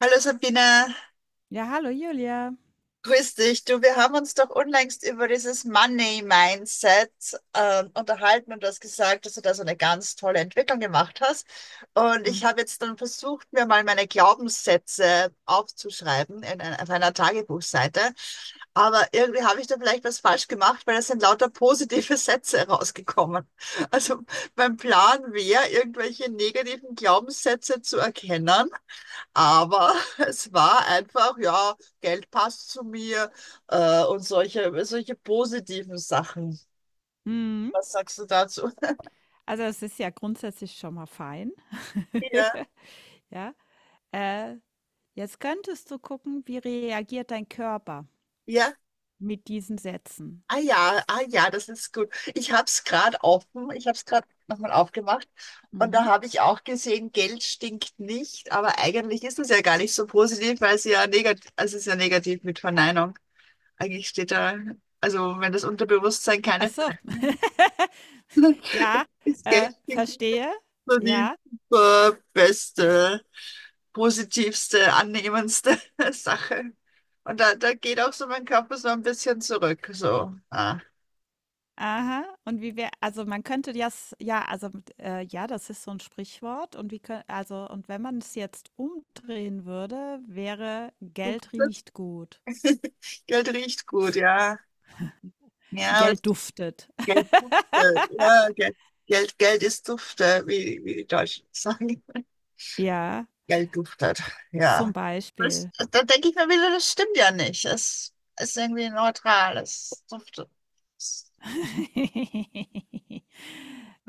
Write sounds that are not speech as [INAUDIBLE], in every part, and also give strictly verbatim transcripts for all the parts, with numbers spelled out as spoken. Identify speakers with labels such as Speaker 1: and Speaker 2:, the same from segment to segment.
Speaker 1: Hallo Sabine,
Speaker 2: Ja, hallo Julia.
Speaker 1: grüß dich. Du, wir haben uns doch unlängst über dieses Money Mindset äh, unterhalten und du hast gesagt, dass du da so eine ganz tolle Entwicklung gemacht hast. Und ich habe
Speaker 2: Mhm.
Speaker 1: jetzt dann versucht, mir mal meine Glaubenssätze aufzuschreiben in, ein- auf einer Tagebuchseite. Aber irgendwie habe ich da vielleicht was falsch gemacht, weil es sind lauter positive [LAUGHS] Sätze rausgekommen. Also mein Plan wäre, irgendwelche negativen Glaubenssätze zu erkennen, aber [LAUGHS] es war einfach, ja, Geld passt zu mir, äh, und solche, solche positiven Sachen.
Speaker 2: Mhm.
Speaker 1: Was sagst du dazu?
Speaker 2: Also, es ist ja grundsätzlich schon mal fein.
Speaker 1: Ja,
Speaker 2: [LAUGHS] Ja. Äh, Jetzt könntest du gucken, wie reagiert dein Körper
Speaker 1: ja.
Speaker 2: mit diesen Sätzen.
Speaker 1: Ah ja, ah ja, das ist gut. Ich habe es gerade offen, ich habe es gerade nochmal aufgemacht und da
Speaker 2: Mhm.
Speaker 1: habe ich auch gesehen, Geld stinkt nicht, aber eigentlich ist es ja gar nicht so positiv, weil es ja negativ, also es ist ja negativ mit Verneinung. Eigentlich steht da, also wenn das Unterbewusstsein
Speaker 2: Ach
Speaker 1: keine
Speaker 2: so.
Speaker 1: Verneinung
Speaker 2: [LAUGHS] Ja,
Speaker 1: ist, Geld
Speaker 2: äh,
Speaker 1: stinkt nicht.
Speaker 2: verstehe.
Speaker 1: So die
Speaker 2: Ja.
Speaker 1: äh, beste, positivste, annehmendste [LAUGHS] Sache. Und da, da geht auch so mein Körper so ein bisschen zurück. So, ah,
Speaker 2: Aha. Und wie wär also, man könnte das ja, also, äh, ja, das ist so ein Sprichwort und wie kö also, und wenn man es jetzt umdrehen würde, wäre:
Speaker 1: du-
Speaker 2: „Geld
Speaker 1: das
Speaker 2: riecht gut.“
Speaker 1: [LAUGHS] Geld riecht gut, ja. Ja, aber das
Speaker 2: Geld duftet.
Speaker 1: Geld dufte.
Speaker 2: [LAUGHS]
Speaker 1: Ja, Geld, Geld, Geld ist dufte, wie, wie die Deutschen sagen. [LAUGHS]
Speaker 2: Ja,
Speaker 1: Geld duftet,
Speaker 2: zum
Speaker 1: ja. Das,
Speaker 2: Beispiel.
Speaker 1: da denke ich mir wieder, das stimmt ja nicht. Es ist irgendwie neutral, es duftet.
Speaker 2: [LAUGHS]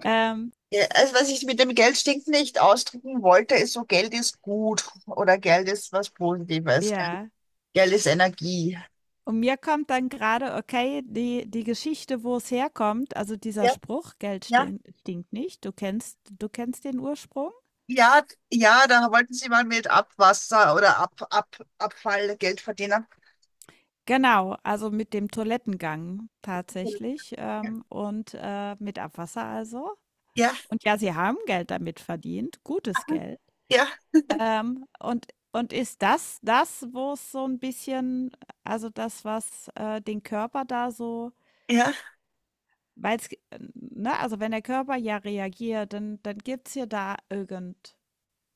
Speaker 2: Ähm,
Speaker 1: Ja, also was ich mit dem Geld stinkt nicht ausdrücken wollte, ist so, Geld ist gut oder Geld ist was Positives, Geld,
Speaker 2: ja.
Speaker 1: Geld ist Energie.
Speaker 2: Und mir kommt dann gerade, okay, die, die Geschichte, wo es herkommt, also dieser
Speaker 1: Ja,
Speaker 2: Spruch, Geld
Speaker 1: ja.
Speaker 2: stin- stinkt nicht, du kennst, du kennst den Ursprung?
Speaker 1: Ja, d- ja, da wollten Sie mal mit Abwasser oder Ab, Ab, Abfall Geld verdienen.
Speaker 2: Genau, also mit dem Toilettengang tatsächlich
Speaker 1: Ja,
Speaker 2: ähm, und äh, mit Abwasser also.
Speaker 1: ja,
Speaker 2: Und ja, sie haben Geld damit verdient, gutes Geld.
Speaker 1: ja,
Speaker 2: Ähm, und und ist das das, wo es so ein bisschen also das, was, äh, den Körper da so weil g ne, also wenn der Körper ja reagiert, dann dann gibt's ja da irgend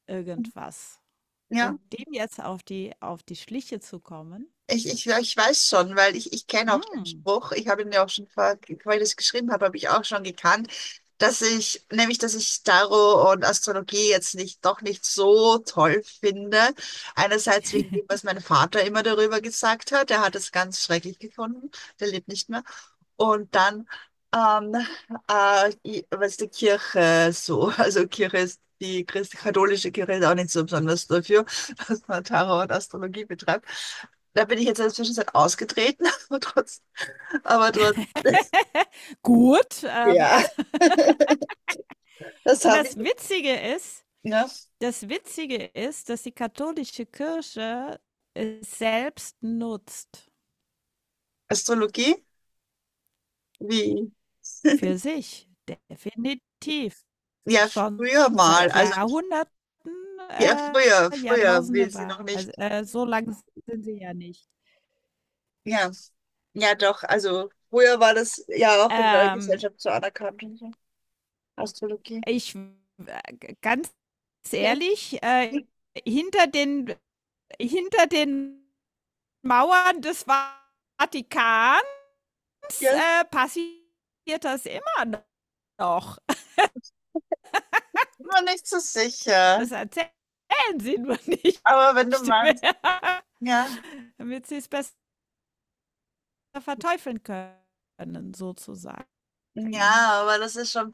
Speaker 2: irgendwas.
Speaker 1: ja.
Speaker 2: Und dem jetzt auf die auf die Schliche zu kommen,
Speaker 1: Ich, ich, ich weiß schon, weil ich, ich kenne auch den
Speaker 2: hm.
Speaker 1: Spruch. Ich habe ihn ja auch schon vor, weil ich das geschrieben habe, habe ich auch schon gekannt, dass ich, nämlich, dass ich Tarot und Astrologie jetzt nicht, doch nicht so toll finde. Einerseits wegen dem, was mein Vater immer darüber gesagt hat. Er hat es ganz schrecklich gefunden. Der lebt nicht mehr. Und dann ähm, äh, i- was die Kirche so, [LAUGHS] also Kirche ist die christ katholische Kirche ist auch nicht so besonders dafür, [LAUGHS] dass man Tarot und Astrologie betreibt. Da bin ich jetzt in der Zwischenzeit ausgetreten, [LAUGHS] aber trotz, aber trotz,
Speaker 2: [LAUGHS] Gut, ähm,
Speaker 1: ja,
Speaker 2: also
Speaker 1: [LAUGHS] das
Speaker 2: und
Speaker 1: habe
Speaker 2: das
Speaker 1: ich,
Speaker 2: Witzige ist
Speaker 1: ne?
Speaker 2: das Witzige ist, dass die katholische Kirche es selbst nutzt.
Speaker 1: Astrologie, wie,
Speaker 2: Für sich, definitiv.
Speaker 1: ja,
Speaker 2: Schon
Speaker 1: früher mal,
Speaker 2: seit
Speaker 1: also,
Speaker 2: Jahrhunderten,
Speaker 1: ja, früher,
Speaker 2: äh,
Speaker 1: früher will
Speaker 2: Jahrtausende
Speaker 1: sie noch
Speaker 2: weise
Speaker 1: nicht,
Speaker 2: äh, so lang sind sie ja nicht.
Speaker 1: ja, ja, doch, also, früher war das ja auch in der
Speaker 2: Ähm,
Speaker 1: Gesellschaft so anerkannt und so, Astrologie.
Speaker 2: ich äh, ganz
Speaker 1: Ja.
Speaker 2: ehrlich, äh, hinter den hinter den Mauern des Vatikans,
Speaker 1: Ja,
Speaker 2: äh, passiert das immer noch. [LAUGHS]
Speaker 1: bin mir nicht so sicher.
Speaker 2: Das erzählen sie nur nicht
Speaker 1: Aber wenn du meinst,
Speaker 2: mehr,
Speaker 1: ja,
Speaker 2: [LAUGHS] damit sie's bess verteufeln können, sozusagen.
Speaker 1: ja, aber das ist schon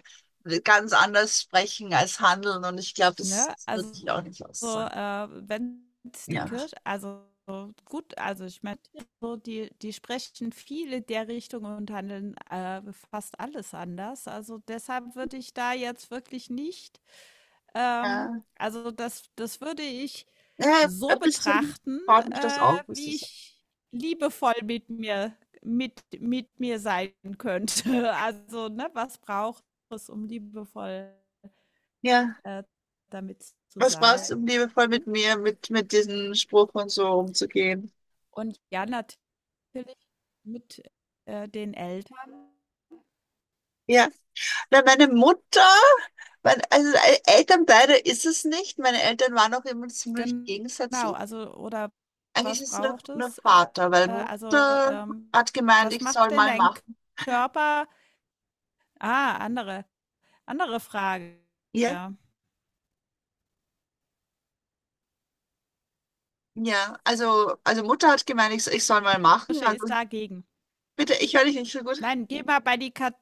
Speaker 1: ganz anders sprechen als handeln und ich glaube, das
Speaker 2: Ne? Also,
Speaker 1: würde ich auch nicht
Speaker 2: so,
Speaker 1: aussagen.
Speaker 2: äh, wenn's die
Speaker 1: Ja.
Speaker 2: Kirche also, gut also, ich meine, so die die sprechen viel in der Richtung und handeln, äh, fast alles anders. Also, deshalb würde ich da jetzt wirklich nicht ähm,
Speaker 1: Ja,
Speaker 2: also, das das würde ich
Speaker 1: ja,
Speaker 2: so
Speaker 1: ein bisschen
Speaker 2: betrachten,
Speaker 1: baut mich das
Speaker 2: äh,
Speaker 1: auf, was du
Speaker 2: wie
Speaker 1: sagst.
Speaker 2: ich liebevoll mit mir mit mit mir sein könnte. [LAUGHS] Also, ne, was braucht es, um liebevoll
Speaker 1: Ja.
Speaker 2: äh, damit zu
Speaker 1: Was brauchst
Speaker 2: sein.
Speaker 1: du, um liebevoll mit mir, mit, mit diesem Spruch und so umzugehen?
Speaker 2: Und ja, natürlich mit äh, den Eltern.
Speaker 1: Ja. Na, meine Mutter, mein, also äh, Eltern beide ist es nicht. Meine Eltern waren auch immer ziemlich
Speaker 2: Genau,
Speaker 1: gegensätzlich.
Speaker 2: also oder
Speaker 1: Eigentlich
Speaker 2: was
Speaker 1: ist es nur,
Speaker 2: braucht
Speaker 1: nur
Speaker 2: es? Äh,
Speaker 1: Vater, weil
Speaker 2: äh, also
Speaker 1: Mutter
Speaker 2: ähm,
Speaker 1: hat gemeint,
Speaker 2: was
Speaker 1: ich soll
Speaker 2: macht denn
Speaker 1: mal
Speaker 2: dein
Speaker 1: machen.
Speaker 2: Körper? Ah, andere, andere Frage.
Speaker 1: Ja?
Speaker 2: Ja.
Speaker 1: Ja, also, also Mutter hat gemeint, ich, ich soll mal machen.
Speaker 2: Kirche
Speaker 1: Also
Speaker 2: ist dagegen.
Speaker 1: bitte, ich höre dich nicht so gut.
Speaker 2: Nein, geh mal bei die, Kat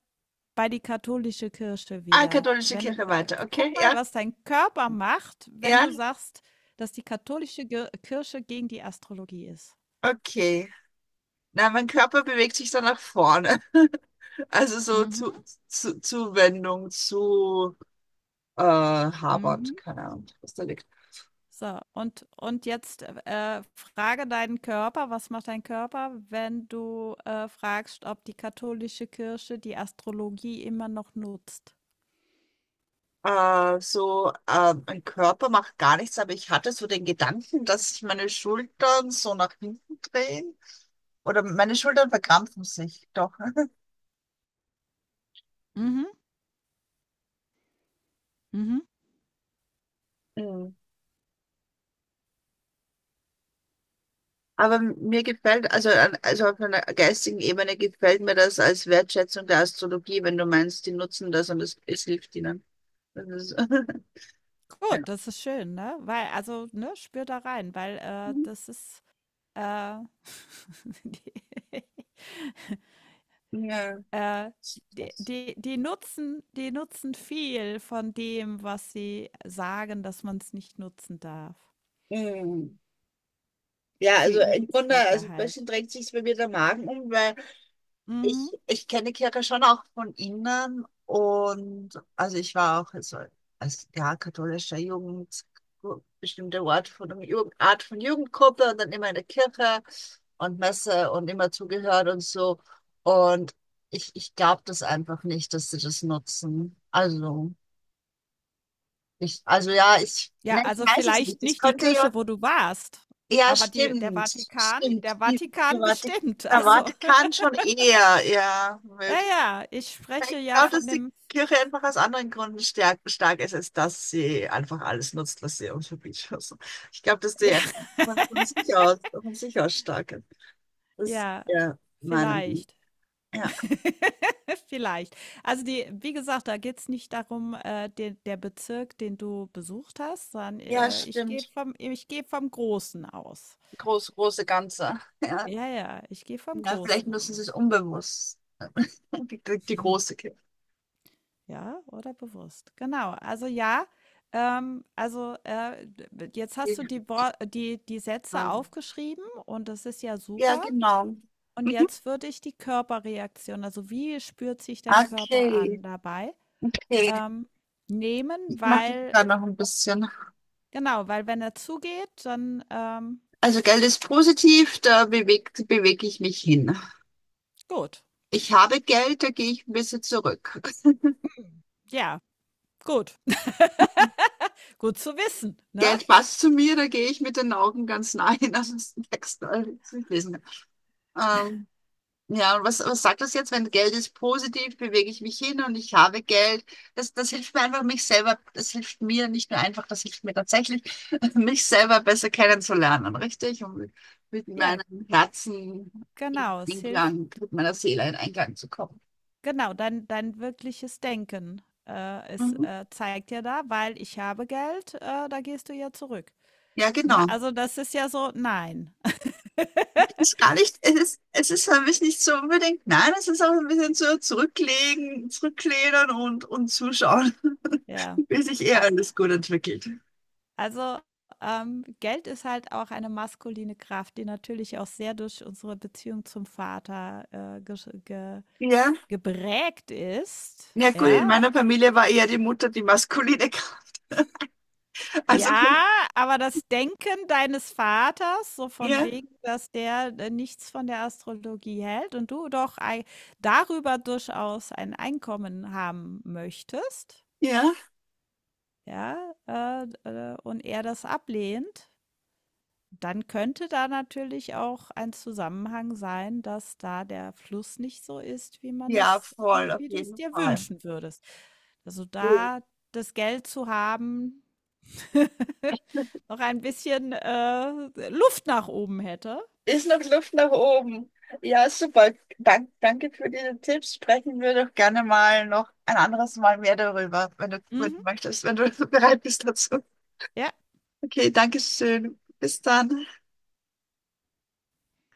Speaker 2: bei die katholische Kirche
Speaker 1: Ah,
Speaker 2: wieder.
Speaker 1: katholische
Speaker 2: Wenn,
Speaker 1: Kirche weiter, okay?
Speaker 2: guck mal,
Speaker 1: Ja?
Speaker 2: was dein Körper macht, wenn
Speaker 1: Ja?
Speaker 2: du sagst, dass die katholische Ge- Kirche gegen die Astrologie ist.
Speaker 1: Okay. Na, mein Körper bewegt sich dann nach vorne. [LAUGHS] Also so zu,
Speaker 2: Mhm,
Speaker 1: zu Zuwendung zu äh, Habernd,
Speaker 2: mhm.
Speaker 1: keine Ahnung, was da liegt.
Speaker 2: So, und und jetzt, äh, frage deinen Körper, was macht dein Körper, wenn du, äh, fragst, ob die katholische Kirche die Astrologie immer noch nutzt?
Speaker 1: Äh, so, äh, mein Körper macht gar nichts, aber ich hatte so den Gedanken, dass sich meine Schultern so nach hinten drehen. Oder meine Schultern verkrampfen sich doch. Ne?
Speaker 2: Mhm, mhm.
Speaker 1: Mhm. Aber mir gefällt, also, an- also auf einer geistigen Ebene gefällt mir das als Wertschätzung der Astrologie, wenn du meinst, die nutzen das und es, es hilft ihnen. Das ist, [LAUGHS] ja.
Speaker 2: Gut, das ist schön, ne? Weil also, ne, spür da rein, weil, äh, das ist, äh, [LAUGHS] die
Speaker 1: Ja.
Speaker 2: äh, die
Speaker 1: Das-
Speaker 2: die die nutzen die nutzen viel von dem, was sie sagen, dass man es nicht nutzen darf.
Speaker 1: Mhm. Ja,
Speaker 2: Für
Speaker 1: also im
Speaker 2: ihre
Speaker 1: Grunde,
Speaker 2: Zwecke
Speaker 1: also ein bisschen
Speaker 2: halt.
Speaker 1: drängt sich bei mir der Magen um, weil
Speaker 2: Mhm.
Speaker 1: Ich, ich kenne Kirche schon auch von innen und also ich war auch also als ja, katholischer Jugend, bestimmte Ort von einer Jugend, Art von Jugendgruppe und dann immer in der Kirche und Messe und immer zugehört und so. Und ich, ich glaube das einfach nicht, dass sie das nutzen. Also, ich, also ja, ich,
Speaker 2: Ja,
Speaker 1: ne, ich
Speaker 2: also
Speaker 1: weiß es
Speaker 2: vielleicht
Speaker 1: nicht. Das
Speaker 2: nicht die
Speaker 1: könnte
Speaker 2: Kirche,
Speaker 1: ja,
Speaker 2: wo du warst,
Speaker 1: ja,
Speaker 2: aber die der
Speaker 1: stimmt,
Speaker 2: Vatikan
Speaker 1: stimmt.
Speaker 2: der
Speaker 1: Die, die,
Speaker 2: Vatikan
Speaker 1: Vati-
Speaker 2: bestimmt.
Speaker 1: der
Speaker 2: Also,
Speaker 1: Vatikan
Speaker 2: [LAUGHS]
Speaker 1: schon eher, ja.
Speaker 2: ja, ja, ich spreche
Speaker 1: Ich
Speaker 2: ja
Speaker 1: glaube,
Speaker 2: von
Speaker 1: dass die
Speaker 2: dem
Speaker 1: Kirche einfach aus anderen Gründen stark, stark ist, als dass sie einfach alles nutzt, was sie uns verbietet. Also, ich glaube, dass
Speaker 2: ja,
Speaker 1: die einfach von
Speaker 2: [LAUGHS]
Speaker 1: sich aus, von sich aus stark ist. Das ist
Speaker 2: ja,
Speaker 1: ja meine Meinung.
Speaker 2: vielleicht.
Speaker 1: Ja,
Speaker 2: [LAUGHS] Vielleicht. Also, die wie gesagt, da geht's nicht darum, äh, de der Bezirk, den du besucht hast, sondern,
Speaker 1: ja,
Speaker 2: äh, ich gehe
Speaker 1: stimmt.
Speaker 2: vom ich gehe vom Großen aus.
Speaker 1: Groß, große Ganze. [LAUGHS] Ja,
Speaker 2: Ja, ja, ich gehe vom
Speaker 1: ja vielleicht
Speaker 2: Großen
Speaker 1: müssen sie es
Speaker 2: aus.
Speaker 1: unbewusst. [LAUGHS] Die, die, die große Kirche.
Speaker 2: Ja, oder bewusst. Genau. Also ja, ähm, also äh, d- jetzt hast du die, Wor- die, die Sätze
Speaker 1: Ja,
Speaker 2: aufgeschrieben und das ist ja
Speaker 1: ja,
Speaker 2: super.
Speaker 1: genau.
Speaker 2: Und
Speaker 1: Mhm.
Speaker 2: jetzt würde ich die Körperreaktion, also wie spürt sich dein Körper
Speaker 1: Okay,
Speaker 2: an dabei,
Speaker 1: okay.
Speaker 2: ähm, nehmen,
Speaker 1: Ich mache mich
Speaker 2: weil,
Speaker 1: da noch ein bisschen.
Speaker 2: genau, weil wenn er zugeht, dann ähm,
Speaker 1: Also Geld ist positiv, da bewegt, bewege ich mich hin.
Speaker 2: gut.
Speaker 1: Ich habe Geld, da gehe ich ein bisschen zurück. [LAUGHS]
Speaker 2: Ja, gut. [LAUGHS] Gut zu wissen, ne?
Speaker 1: Geld passt zu mir, da gehe ich mit den Augen ganz nah hin, also [LAUGHS] das ist ein Text, äh, das ist nicht lesen. Ähm, ja, und was, was sagt das jetzt? Wenn Geld ist positiv, bewege ich mich hin und ich habe Geld. Das, das hilft mir einfach, mich selber, das hilft mir nicht nur einfach, das hilft mir tatsächlich, [LAUGHS] mich selber besser kennenzulernen, richtig? Und mit
Speaker 2: Ja,
Speaker 1: meinem Herzen in
Speaker 2: genau. Es hilft.
Speaker 1: Einklang, mit meiner Seele in Einklang zu kommen.
Speaker 2: Genau, dein dein wirkliches Denken, äh, es,
Speaker 1: Mhm.
Speaker 2: äh, zeigt ja da, weil ich habe Geld, äh, da gehst du ja zurück.
Speaker 1: Ja,
Speaker 2: Ne?
Speaker 1: genau.
Speaker 2: Also das ist ja so, nein. [LAUGHS]
Speaker 1: Ist gar nicht, es ist, es ist für mich nicht so unbedingt, nein, es ist auch ein bisschen so zurücklegen, zurücklehnen und, und zuschauen, [LAUGHS]
Speaker 2: Ja.
Speaker 1: bis sich eher
Speaker 2: A
Speaker 1: alles gut entwickelt.
Speaker 2: also, ähm, Geld ist halt auch eine maskuline Kraft, die natürlich auch sehr durch unsere Beziehung zum Vater, äh, gesch ge
Speaker 1: Ja,
Speaker 2: geprägt ist,
Speaker 1: ja gut, in
Speaker 2: ja,
Speaker 1: meiner Familie war eher die Mutter die maskuline, [LAUGHS] also
Speaker 2: Ja, aber das Denken deines Vaters, so von
Speaker 1: ja,
Speaker 2: wegen, dass der, äh, nichts von der Astrologie hält und du doch ei darüber durchaus ein Einkommen haben möchtest,
Speaker 1: ja,
Speaker 2: ja, äh, äh, und er das ablehnt, dann könnte da natürlich auch ein Zusammenhang sein, dass da der Fluss nicht so ist, wie man
Speaker 1: ja,
Speaker 2: es
Speaker 1: voll,
Speaker 2: wie
Speaker 1: auf
Speaker 2: wie du es
Speaker 1: jeden
Speaker 2: dir
Speaker 1: Fall.
Speaker 2: wünschen würdest. Also,
Speaker 1: So,
Speaker 2: da das Geld zu haben [LAUGHS] Noch ein bisschen, äh, Luft nach oben hätte.
Speaker 1: ist noch Luft nach oben. Ja, super. Dank, danke für diese Tipps. Sprechen wir doch gerne mal noch ein anderes Mal mehr darüber, wenn du, wenn du
Speaker 2: Mhm.
Speaker 1: möchtest, wenn du [LAUGHS] bereit bist dazu.
Speaker 2: Ja.
Speaker 1: Okay, danke schön. Bis dann.